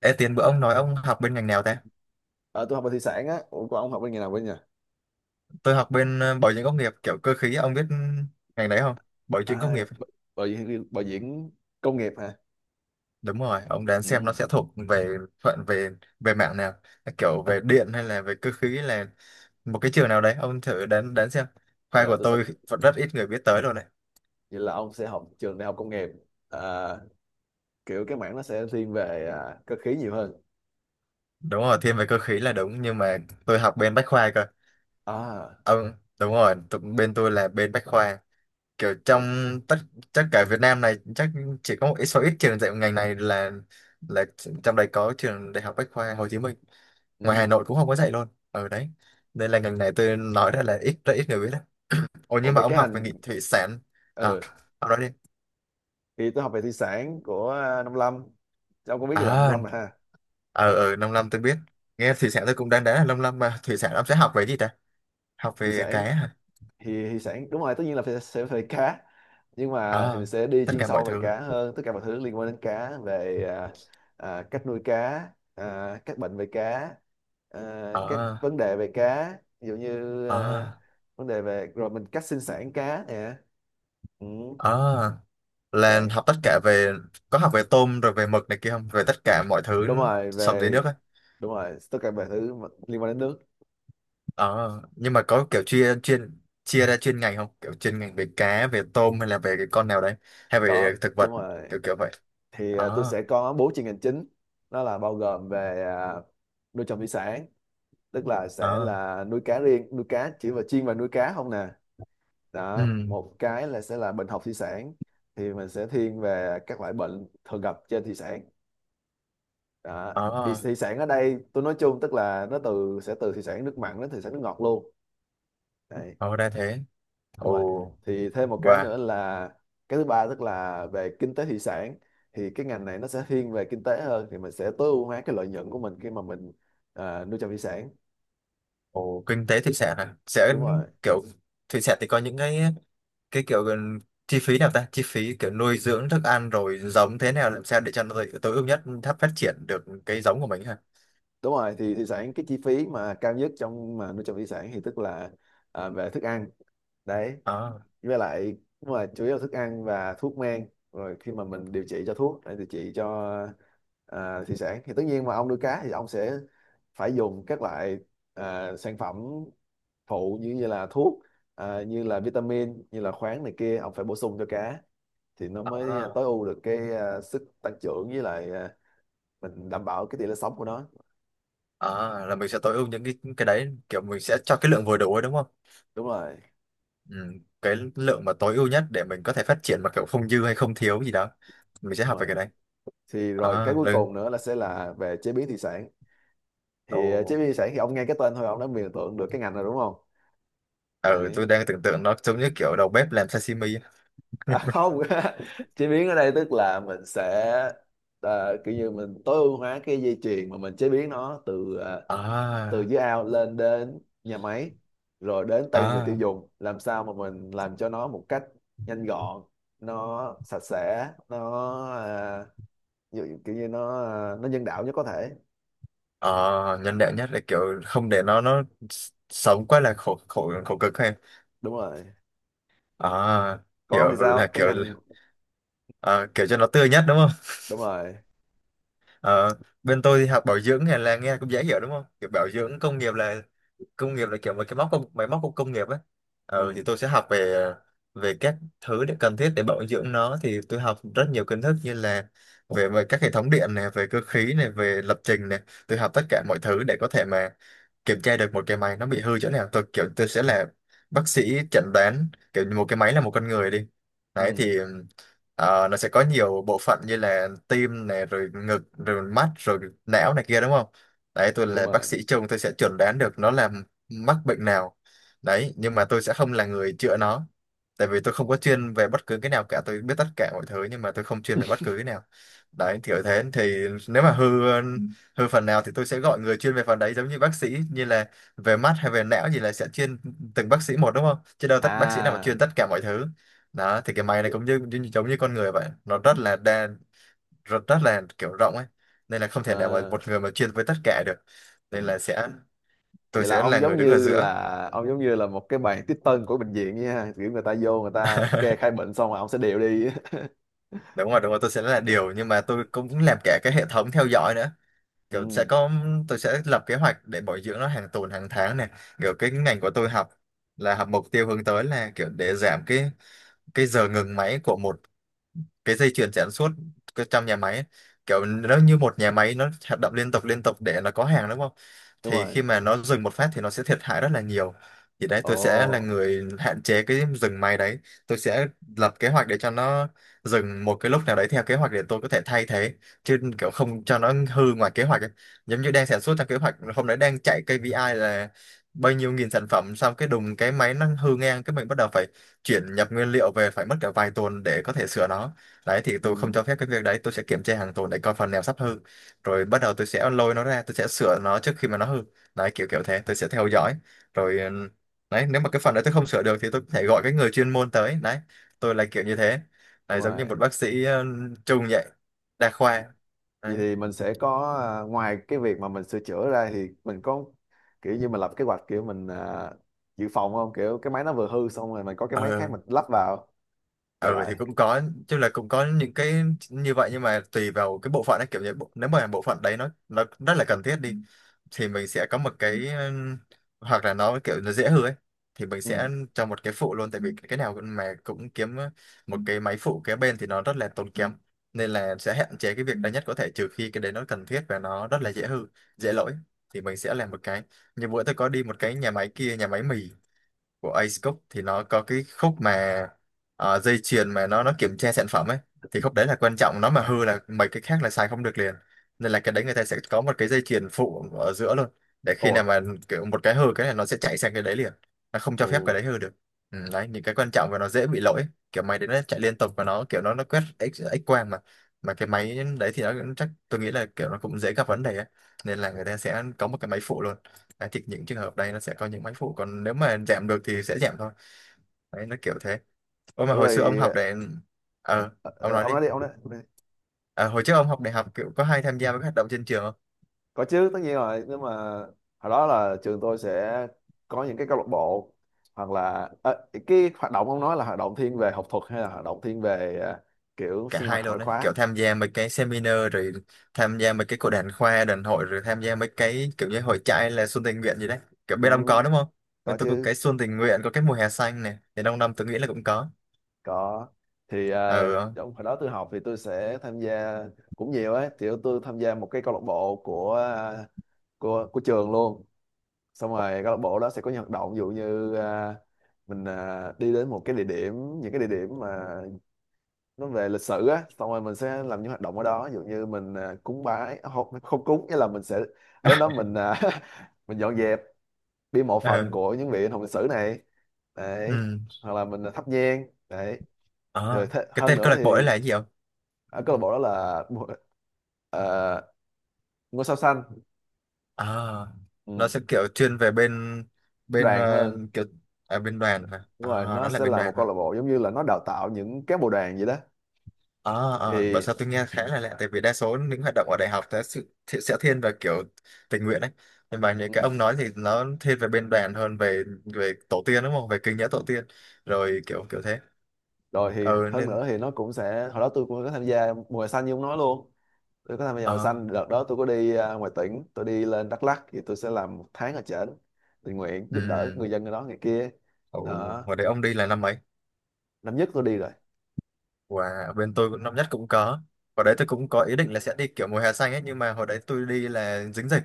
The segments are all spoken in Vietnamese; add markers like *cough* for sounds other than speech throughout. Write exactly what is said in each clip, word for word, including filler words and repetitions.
Ê, tiền bữa ông nói ông học bên ngành nào ta? Ờ, tôi học về thủy sản á. Ủa, còn ông học bên nghề nào bên nhỉ? Tôi học bên ờ, bảo dưỡng công nghiệp kiểu cơ khí, ông biết ngành đấy không? Bảo dưỡng công À, nghiệp. b- bảo diễn, bảo diễn công nghiệp hả? Đúng rồi, ông đoán xem nó Ừ. sẽ thuộc về phận về về mạng nào, kiểu về điện hay là về cơ khí là một cái trường nào đấy, ông thử đoán đoán xem. Khoa Giờ của tôi sẽ tôi vẫn rất ít người biết tới rồi này. Vậy là ông sẽ học trường đại học công nghiệp. À, kiểu cái mảng nó sẽ thiên về à, cơ khí nhiều hơn. Đúng rồi, thiên về cơ khí là đúng nhưng mà tôi học bên bách khoa cơ. À, Ông đúng rồi, tụ- bên tôi là bên bách khoa. Kiểu trong ồ, tất tất cả Việt Nam này chắc chỉ có một ít số ít trường dạy ngành này là là trong đây có trường Đại học Bách khoa Hồ Chí Minh, ngoài Hà ừ. Nội cũng không có dạy luôn ở đấy. Đây là ngành này tôi nói ra là ít, rất ít người biết đấy. Ồ, Ủa, nhưng mà về ông cái học về hành. nghị thủy sản. À, Ừ. ông nói đi. Thì tôi học về thủy sản của à, Nông Lâm. Ông có biết gì là Nông À, Lâm mà ha? ở ở nông lâm tôi biết, nghe thủy sản tôi cũng đang đá là nông lâm, mà thủy sản ông sẽ học về gì ta, học Thị về cá sản hả? thì thì sản đúng rồi, tất nhiên là phải, sẽ phải cá, nhưng À, mà thì mình sẽ đi tất chuyên cả mọi sâu về thứ. cá hơn, tất cả mọi thứ liên quan đến cá về à, à, cách nuôi cá, à, các bệnh về cá, à, Ờ. các vấn đề về cá, ví dụ như à, Ờ. vấn đề về rồi mình cách sinh sản cá nè. ừ, Ờ, là Đấy. học tất cả về, có học về tôm rồi về mực này kia không, về tất cả mọi thứ Đúng rồi, sống dưới về. nước ấy. Đúng rồi, tất cả mọi thứ mà liên quan đến nước. Ờ, nhưng mà có kiểu chia chuyên, chia ra chuyên ngành không, kiểu chuyên ngành về cá về tôm hay là về cái con nào đấy hay Có, về thực đúng vật, rồi. kiểu kiểu vậy. Thì à, tôi Ờ. sẽ có bốn chuyên ngành chính. Đó là bao gồm về à, nuôi trồng thủy sản, tức là sẽ Ờ. là nuôi cá riêng, nuôi cá chỉ và chiên và nuôi cá không nè. Ừ. Đó, một cái là sẽ là bệnh học thủy sản, thì mình sẽ thiên về các loại bệnh thường gặp trên thủy sản. Đó, thì Ờ. thủy sản ở đây tôi nói chung tức là nó từ sẽ từ thủy sản nước mặn đến thủy sản nước ngọt luôn. Đấy. Ờ, ra thế. Đúng rồi. Ồ. Thì thêm một cái nữa Và. là cái thứ ba, tức là về kinh tế thủy sản. Thì cái ngành này nó sẽ thiên về kinh tế hơn, thì mình sẽ tối ưu hóa cái lợi nhuận của mình khi mà mình à, nuôi trồng thủy sản. Ồ, kinh tế thủy sản à, sẽ Đúng rồi. kiểu thủy sản thì có những cái cái kiểu gần- chi phí nào ta, chi phí kiểu nuôi dưỡng thức ăn rồi giống thế nào làm sao để cho nó tối tối ưu nhất thấp phát triển được cái giống của mình ha. Đúng rồi, thì thủy sản cái chi phí mà cao nhất trong mà nuôi trồng thủy sản thì tức là à, về thức ăn. Đấy. À. Với lại nhưng mà chủ yếu là thức ăn và thuốc men, rồi khi mà mình điều trị cho thuốc để điều trị cho à, thủy sản, thì tất nhiên mà ông nuôi cá thì ông sẽ phải dùng các loại à, sản phẩm phụ, như như là thuốc, à, như là vitamin, như là khoáng này kia, ông phải bổ sung cho cá, thì nó mới À. tối ưu được cái à, sức tăng trưởng, với lại à, mình đảm bảo cái tỷ lệ sống của nó. À, là mình sẽ tối ưu những cái cái đấy kiểu mình sẽ cho cái lượng vừa đủ ấy đúng không? Đúng rồi. Ừ, cái lượng mà tối ưu nhất để mình có thể phát triển mà kiểu không dư hay không thiếu gì đó, mình sẽ Đúng học về rồi, cái đấy. thì rồi cái À cuối lưng. cùng nữa là sẽ là về chế biến thủy sản. Ồ. Thì ờ, chế biến thủy sản, thì ông nghe cái tên thôi ông đã mường tượng được cái ngành rồi đúng không? Ừ, Đấy. tôi đang tưởng tượng nó giống như kiểu đầu bếp làm sashimi. À, *laughs* không. *laughs* Chế biến ở đây tức là mình sẽ ờ, kiểu như mình tối ưu hóa cái dây chuyền mà mình chế biến nó, từ ờ, từ À. dưới ao lên đến nhà máy, rồi đến tay người tiêu À. dùng, làm sao mà mình làm cho nó một cách nhanh gọn, nó sạch sẽ, nó ờ, kiểu kiểu như nó ờ, nó nhân đạo nhất có thể. Ờ, nhân đạo nhất là kiểu không để nó nó s- sống quá là khổ khổ khổ cực hay. Đúng rồi. À, Còn ông hiểu thì là sao cái kiểu ngành? ờ, kiểu cho nó tươi nhất đúng không? Đúng rồi. Ờ, bên tôi thì học bảo dưỡng này là nghe cũng dễ hiểu đúng không, kiểu bảo dưỡng công nghiệp là công nghiệp là kiểu một cái móc công máy móc của công nghiệp ấy. Ờ, Ừ. thì tôi sẽ học về về các thứ để cần thiết để bảo dưỡng nó, thì tôi học rất nhiều kiến thức như là về, về các hệ thống điện này về cơ khí này về lập trình này, tôi học tất cả mọi thứ để có thể mà kiểm tra được một cái máy nó bị hư chỗ nào. Tôi kiểu tôi sẽ là bác sĩ chẩn đoán, kiểu như một cái máy là một con người đi. Đấy Ừ, thì ờ, nó sẽ có nhiều bộ phận như là tim này rồi ngực rồi mắt rồi não này kia đúng không? Đấy tôi đúng là bác rồi. sĩ chung, tôi sẽ chẩn đoán được nó là mắc bệnh nào. Đấy nhưng mà tôi sẽ không là người chữa nó, tại vì tôi không có chuyên về bất cứ cái nào cả, tôi biết tất cả mọi thứ nhưng mà tôi không chuyên về bất cứ cái nào. Đấy kiểu thế thì nếu mà hư thôi phần nào thì tôi sẽ gọi người chuyên về phần đấy, giống như bác sĩ như là về mắt hay về não gì là sẽ chuyên từng bác sĩ một đúng không? Chứ đâu tất bác sĩ nào mà chuyên À, tất cả mọi thứ. Đó thì cái máy này vậy, cũng như, như giống như con người vậy, nó rất là đa, rất, rất là kiểu rộng ấy. Nên là không thể nào mà ờ, một người mà chuyên với tất cả được. Nên là sẽ tôi vậy là sẽ ông là người giống đứng ở như là, giữa. ông giống như là một cái bàn tiếp tân của bệnh viện nha, kiểu người ta vô người ta kê *laughs* khai bệnh xong rồi ông sẽ điều đi. Đúng rồi, đúng rồi, tôi sẽ là điều *laughs* nhưng mà tôi cũng làm cả cái hệ thống theo dõi nữa. Kiểu sẽ Ừ, có tôi sẽ lập kế hoạch để bồi dưỡng nó hàng tuần hàng tháng này. Kiểu cái ngành của tôi học là học mục tiêu hướng tới là kiểu để giảm cái cái giờ ngừng máy của một cái dây chuyền sản xuất cái trong nhà máy ấy, kiểu nó như một nhà máy nó hoạt động liên tục liên tục để nó có hàng đúng không? đúng Thì rồi. khi mà nó dừng một phát thì nó sẽ thiệt hại rất là nhiều. Thì đấy tôi sẽ là Ồ. người hạn chế cái dừng máy đấy. Tôi sẽ lập kế hoạch để cho nó dừng một cái lúc nào đấy theo kế hoạch để tôi có thể thay thế, chứ kiểu không cho nó hư ngoài kế hoạch ấy. Giống như đang sản xuất theo kế hoạch hôm đấy đang chạy ca pê i là bao nhiêu nghìn sản phẩm xong cái đùng cái máy nó hư ngang cái mình bắt đầu phải chuyển nhập nguyên liệu về phải mất cả vài tuần để có thể sửa nó. Đấy thì Ừ, tôi không cho phép cái việc đấy, tôi sẽ kiểm tra hàng tuần để coi phần nào sắp hư, rồi bắt đầu tôi sẽ lôi nó ra tôi sẽ sửa nó trước khi mà nó hư. Đấy kiểu kiểu thế tôi sẽ theo dõi rồi ừm, đấy nếu mà cái phần đấy tôi không sửa được thì tôi có thể gọi cái người chuyên môn tới đấy. Tôi là kiểu như thế đúng đấy, giống như rồi. một bác sĩ ừm, chung vậy, đa khoa. Đấy. Vậy thì mình sẽ có à, ngoài cái việc mà mình sửa chữa ra thì mình có kiểu như mình lập kế hoạch, kiểu mình à, dự phòng không, kiểu cái máy nó vừa hư xong rồi mình có cái máy khác Ờ, mình lắp vào để ừ lại. thì cũng có chứ, là cũng có những cái như vậy nhưng mà tùy vào cái bộ phận ấy kiểu như bộ- nếu mà bộ phận đấy nó nó rất là cần thiết đi thì mình sẽ có một cái ừm, hoặc là nó kiểu nó dễ hư ấy thì mình sẽ Ừ. cho một cái phụ luôn, tại vì cái nào cũng- mà cũng kiếm một cái máy phụ kế bên thì nó rất là tốn kém, nên là sẽ hạn chế cái việc đấy nhất có thể, trừ khi cái đấy nó cần thiết và nó rất là dễ hư dễ lỗi thì mình sẽ làm một cái. Như bữa tôi có đi một cái nhà máy kia, nhà máy mì của Ace Cook, thì nó có cái khúc mà ờ, dây chuyền mà nó nó kiểm tra sản phẩm ấy, thì khúc đấy là quan trọng, nó mà hư là mấy cái khác là xài không được liền, nên là cái đấy người ta sẽ có một cái dây chuyền phụ ở giữa luôn, để khi Ôi. nào mà kiểu một cái hư cái này nó sẽ chạy sang cái đấy liền, nó không cho Ồ. phép cái đấy hư được. Ừ, đấy những cái quan trọng và nó dễ bị lỗi, kiểu máy đấy nó chạy liên tục và nó kiểu nó nó quét x x quang mà mà cái máy đấy thì nó cũng chắc tôi nghĩ là kiểu nó cũng dễ gặp vấn đề ấy. Nên là người ta sẽ có một cái máy phụ luôn. Đấy, thì những trường hợp đây nó sẽ có những máy phụ, còn nếu mà giảm được thì sẽ giảm thôi. Đấy nó kiểu thế. Ôi mà Ủa hồi rồi. xưa ông học để ờ, Ờ, ông ờ, nói ông đi. nói đi, ông nói, ông nói đi. Ờ, hồi trước ông học đại học kiểu có hay tham gia với các hoạt động trên trường không? Có chứ, tất nhiên rồi, nhưng mà hồi đó là trường tôi sẽ có những cái câu lạc bộ. Hoặc là ờ, cái hoạt động ông nói là hoạt động thiên về học thuật hay là hoạt động thiên về ờ, kiểu Cả sinh hoạt hai luôn ngoại đấy, kiểu khóa? tham gia mấy cái seminar rồi tham gia mấy cái cuộc đàn khoa đàn hội rồi tham gia mấy cái kiểu như hội trại là xuân tình nguyện gì đấy, kiểu Ừ, bên ông có đúng không? Bên có tôi có cái chứ. xuân tình nguyện, có cái mùa hè xanh này thì đông đông tôi nghĩ là cũng có. Có. Thì ờ, Ờ. trong hồi đó tôi học thì tôi sẽ tham gia cũng nhiều ấy. Thì tôi tham gia một cái câu lạc bộ của ờ, của của trường luôn. Xong rồi câu lạc bộ đó sẽ có những hoạt động, ví dụ như ờ, mình à, đi đến một cái địa điểm, những cái địa điểm mà nó về lịch sử á, xong rồi mình sẽ làm những hoạt động ở đó, ví dụ như mình à, cúng bái, à không, không cúng, nghĩa là mình sẽ đến đó *laughs* mình à, *laughs* mình dọn dẹp bia mộ phần Ờ. của những vị anh hùng lịch sử này. Đấy. Ừ. Hoặc là mình à, thắp nhang. Đấy. Rồi Ờ, thế, cái hơn tên câu nữa lạc bộ thì đấy là cái gì không? ở câu lạc bộ đó là bu- ờ, ngôi sao xanh. À, nó Ừ, sẽ kiểu chuyên về bên bên đoàn ờ, hơn. kiểu à, bên đoàn hả Đúng à? rồi, nó Nó là sẽ bên là một đoàn câu hả? lạc bộ giống như là nó đào tạo những cán bộ đoàn vậy đó. À, à Thì bảo sao tôi nghe khá là lạ, tại vì đa số những hoạt động ở đại học sẽ sự thì sẽ thiên về kiểu tình nguyện đấy, nhưng mà những ừ, cái ông nói thì nó thiên về bên đoàn hơn, về về tổ tiên đúng không, về kinh nghĩa tổ tiên, rồi kiểu kiểu thế. rồi thì Ừ hơn nên nữa thì nó cũng sẽ, hồi đó tôi cũng có tham gia mùa hè xanh như ông nói luôn. Tôi có tham gia màu ờ xanh, đợt đó tôi có đi à, ngoài tỉnh, tôi đi lên Đắk Lắk, thì tôi sẽ làm một tháng ở trển, tình nguyện giúp đỡ ừ. người dân ở đó, người kia. Ồ, Đó. hồi đấy ông đi là năm mấy? Năm nhất tôi đi rồi. Wow, bên tôi cũng năm nhất cũng có. Hồi đấy tôi cũng có ý định là sẽ đi kiểu mùa hè xanh ấy, nhưng mà hồi đấy tôi đi là dính dịch.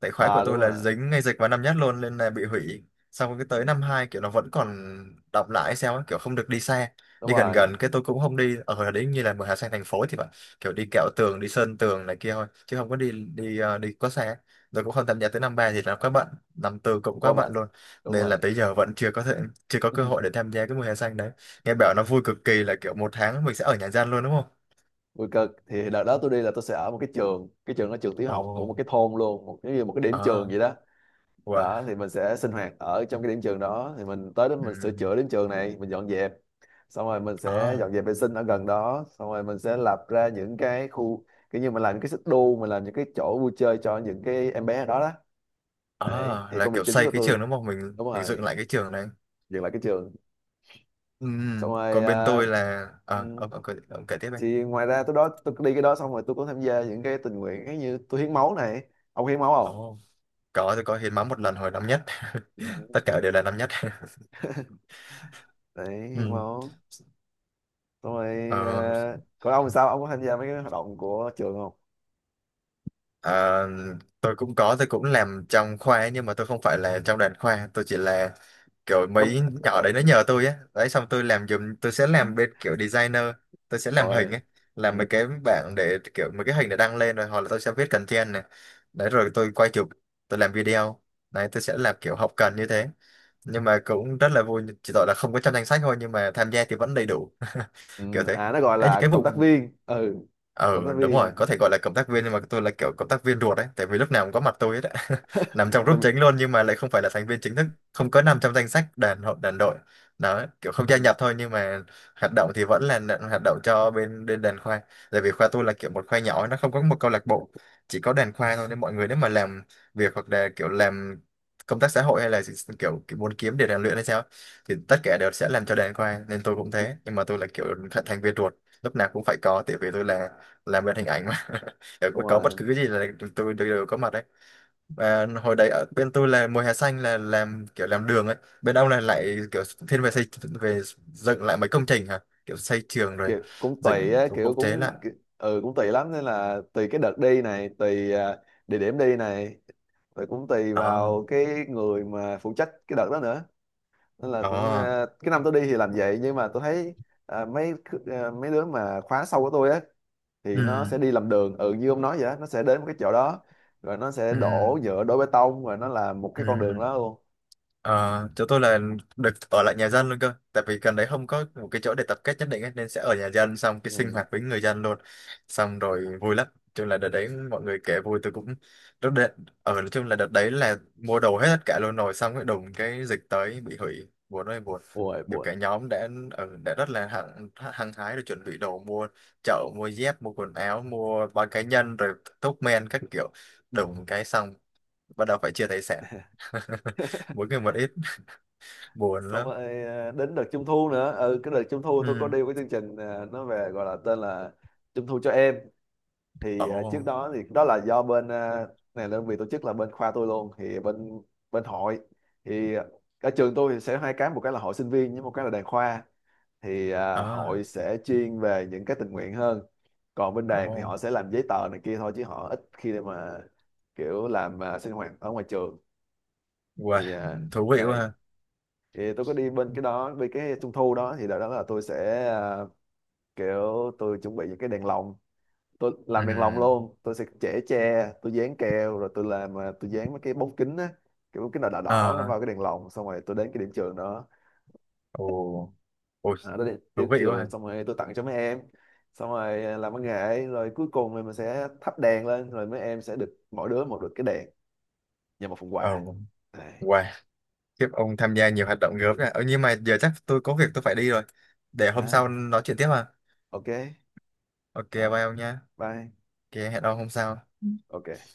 Tại khóa của À tôi đúng là rồi. dính ngay dịch vào năm nhất luôn nên là bị hủy. Xong cái tới năm hai kiểu nó vẫn còn đọng lại hay sao ấy, kiểu không được đi xa. Đúng Đi gần rồi. gần cái tôi cũng không đi ở hồi đấy như là mùa hè xanh thành phố thì phải, kiểu đi kẹo tường, đi sơn tường này kia thôi, chứ không có đi đi ờ, đi quá xa. Rồi cũng không tham gia, tới năm ba thì là quá bận, năm tư cũng quá Qua bệnh. bận luôn. Đúng Nên là rồi. tới giờ vẫn chưa có thể chưa có cơ hội để tham gia cái mùa hè xanh đấy. Nghe bảo nó vui cực kỳ, là kiểu một tháng mình sẽ ở nhà gian luôn đúng không? Vui cực, thì đợt đó tôi đi là tôi sẽ ở một cái trường, cái trường đó trường tiểu học của một Ồ, cái thôn luôn, một cái một cái điểm trường à, vậy đó. wow, Đó thì mình sẽ sinh hoạt ở trong cái điểm trường đó, thì mình tới đó mình sửa ừm, chữa điểm trường này, mình dọn dẹp, xong rồi mình sẽ à, dọn dẹp vệ sinh ở gần đó, xong rồi mình sẽ lập ra những cái khu, kiểu như mình làm những cái xích đu, mình làm những cái chỗ vui chơi cho những cái em bé ở đó đó. à, Đấy thì là công việc kiểu chính xây của cái tôi. trường đúng không? Mình Đúng mình dựng rồi, lại cái trường này. dừng lại cái trường. Xong Ừm. rồi Còn bên à, tôi là, ừ, à, ông, ông, kể- ông kể tiếp em. thì ngoài ra tôi đó tôi đi cái đó xong rồi tôi cũng tham gia những cái tình nguyện cái như tôi hiến máu này. Ông hiến máu không? Ồ, có tôi có hiến máu một lần hồi năm nhất, *laughs* Ừ. tất cả đều là năm nhất. *laughs* Đấy, hiến Ừm. máu. Xong rồi Ờ, à, còn ông thì sao, ông có tham gia mấy cái hoạt động của trường không? à, tôi cũng có tôi cũng làm trong khoa ấy, nhưng mà tôi không phải là trong đoàn khoa, tôi chỉ là kiểu Cấm, mấy nhỏ à, đấy nó nhờ tôi á đấy xong tôi làm giùm, tôi sẽ làm bên kiểu designer, tôi sẽ làm hình rồi. ấy, làm Ừ. mấy cái bảng để kiểu mấy cái hình để đăng lên rồi, hoặc là tôi sẽ viết content này đấy, rồi tôi quay chụp, tôi làm video đấy, tôi sẽ làm kiểu hậu cần như thế, nhưng mà cũng rất là vui, chỉ tội là không có trong danh sách thôi, nhưng mà tham gia thì vẫn đầy đủ. Ừ. *laughs* Kiểu thế À, nó gọi ấy, những là cái cộng vụ tác viên. Ừ, cộng tác ừ đúng rồi, viên. có thể gọi là cộng tác viên, nhưng mà tôi là kiểu cộng tác viên ruột đấy, tại vì lúc nào cũng có mặt tôi ấy đấy. *laughs* Nằm trong Cộng tác group chính viên. luôn, nhưng mà lại không phải là thành viên chính thức, không có nằm trong danh sách đàn hội đàn đội đó, kiểu không gia Ừ, nhập thôi, nhưng mà hoạt động thì vẫn là đàn- hoạt động cho bên bên đàn khoa, tại vì khoa tôi là kiểu một khoa nhỏ, nó không có một câu lạc bộ, chỉ có đàn khoa thôi, nên mọi người nếu mà làm việc hoặc là kiểu làm công tác xã hội hay là gì- kiểu, kiểu muốn kiếm để rèn luyện hay sao, thì tất cả đều sẽ làm cho đàn khoa, nên tôi cũng thế, nhưng mà tôi là kiểu thành thành viên ruột, lúc nào cũng phải có, tại vì tôi là làm bên hình ảnh mà. *laughs* Ở- đúng Có bất rồi. cứ gì là tụi tôi đều, đều có mặt đấy, và hồi đấy ở bên tôi là mùa hè xanh là làm kiểu làm đường ấy, bên ông là lại kiểu thiên về xây, về dựng lại mấy công trình hả, kiểu xây trường rồi Kiểu cũng tùy dựng á, phục kiểu vụ chế lại. cũng ki- ừ, cũng tùy lắm, nên là tùy cái đợt đi này, tùy à, địa điểm đi này, rồi cũng tùy Đó, vào cái người mà phụ trách cái đợt đó nữa. Nên là cũng đó, à, cái năm tôi đi thì làm vậy, nhưng mà tôi thấy à, mấy khứ- à, mấy đứa mà khóa sau của tôi á ừ, thì nó sẽ đi làm đường, ừ như ông nói vậy á, nó sẽ đến một cái chỗ đó rồi nó sẽ ừ, đổ nhựa đổ bê tông rồi nó làm một ừ. cái con đường đó luôn. Ờ, chỗ tôi là được ở lại nhà dân luôn cơ, tại vì gần đấy không có một cái chỗ để tập kết nhất định ấy, nên sẽ ở nhà dân xong cái sinh Ừ. hoạt với người dân luôn, xong rồi vui lắm. Nói chung là đợt đấy mọi người kể vui, tôi cũng rất đợt ở nói chung là đợt đấy là mua đồ hết tất cả luôn rồi, xong cái đùng cái dịch tới bị hủy, buồn ơi buồn. Ôi Kiểu buồn. cả nhóm đã ở đã rất là hăng hăng hái rồi, chuẩn bị đồ mua chợ, mua dép, mua quần áo, mua bao cá nhân, rồi thuốc men các kiểu, đùng cái xong, bắt đầu phải chia tài sản, *laughs* mỗi người một ít, buồn Xong lắm. rồi à, đến đợt trung thu nữa, ừ cái đợt trung thu tôi có Ừ, đi cái chương trình, à, nó về gọi là tên là trung thu cho em. ồ, Thì à, trước đó thì đó là do bên à, này, đơn vị tổ chức là bên khoa tôi luôn, thì bên bên hội, thì ở trường tôi thì sẽ hai cái, một cái là hội sinh viên, với một cái là đoàn khoa. Thì à, hội à, sẽ chuyên về những cái tình nguyện hơn, còn bên đoàn ồ, thì họ sẽ làm giấy tờ này kia thôi, chứ họ ít khi để mà kiểu làm à, sinh hoạt ở ngoài trường. wow, Thì à, thú vị quá ha. đây. Thì tôi có đi bên cái đó, bên cái trung thu đó, thì đợt đó là tôi sẽ à, kiểu tôi chuẩn bị những cái đèn lồng, tôi Ừ, làm đèn lồng luôn, tôi sẽ chẻ tre, tôi dán keo, rồi tôi làm à, tôi dán mấy cái bóng kính á, cái bóng kính đỏ đỏ đỏ nó à, vào cái đèn lồng, xong rồi tôi đến cái điểm trường đó. ồ, ôi, À, tôi đến thú điểm vị quá trường ha. xong rồi tôi tặng cho mấy em, xong rồi à, làm văn nghệ, rồi cuối cùng thì mình sẽ thắp đèn lên, rồi mấy em sẽ được mỗi đứa một được cái đèn và một phần quà. Ồ, Đây. wow. Tiếp, ông tham gia nhiều hoạt động gớm này. Ờ, nhưng mà giờ chắc tôi có việc tôi phải đi rồi, để hôm sau À, nói chuyện tiếp ha. ok OK, rồi, bye ông nha. bye. OK, hẹn ông hôm sau. Ok.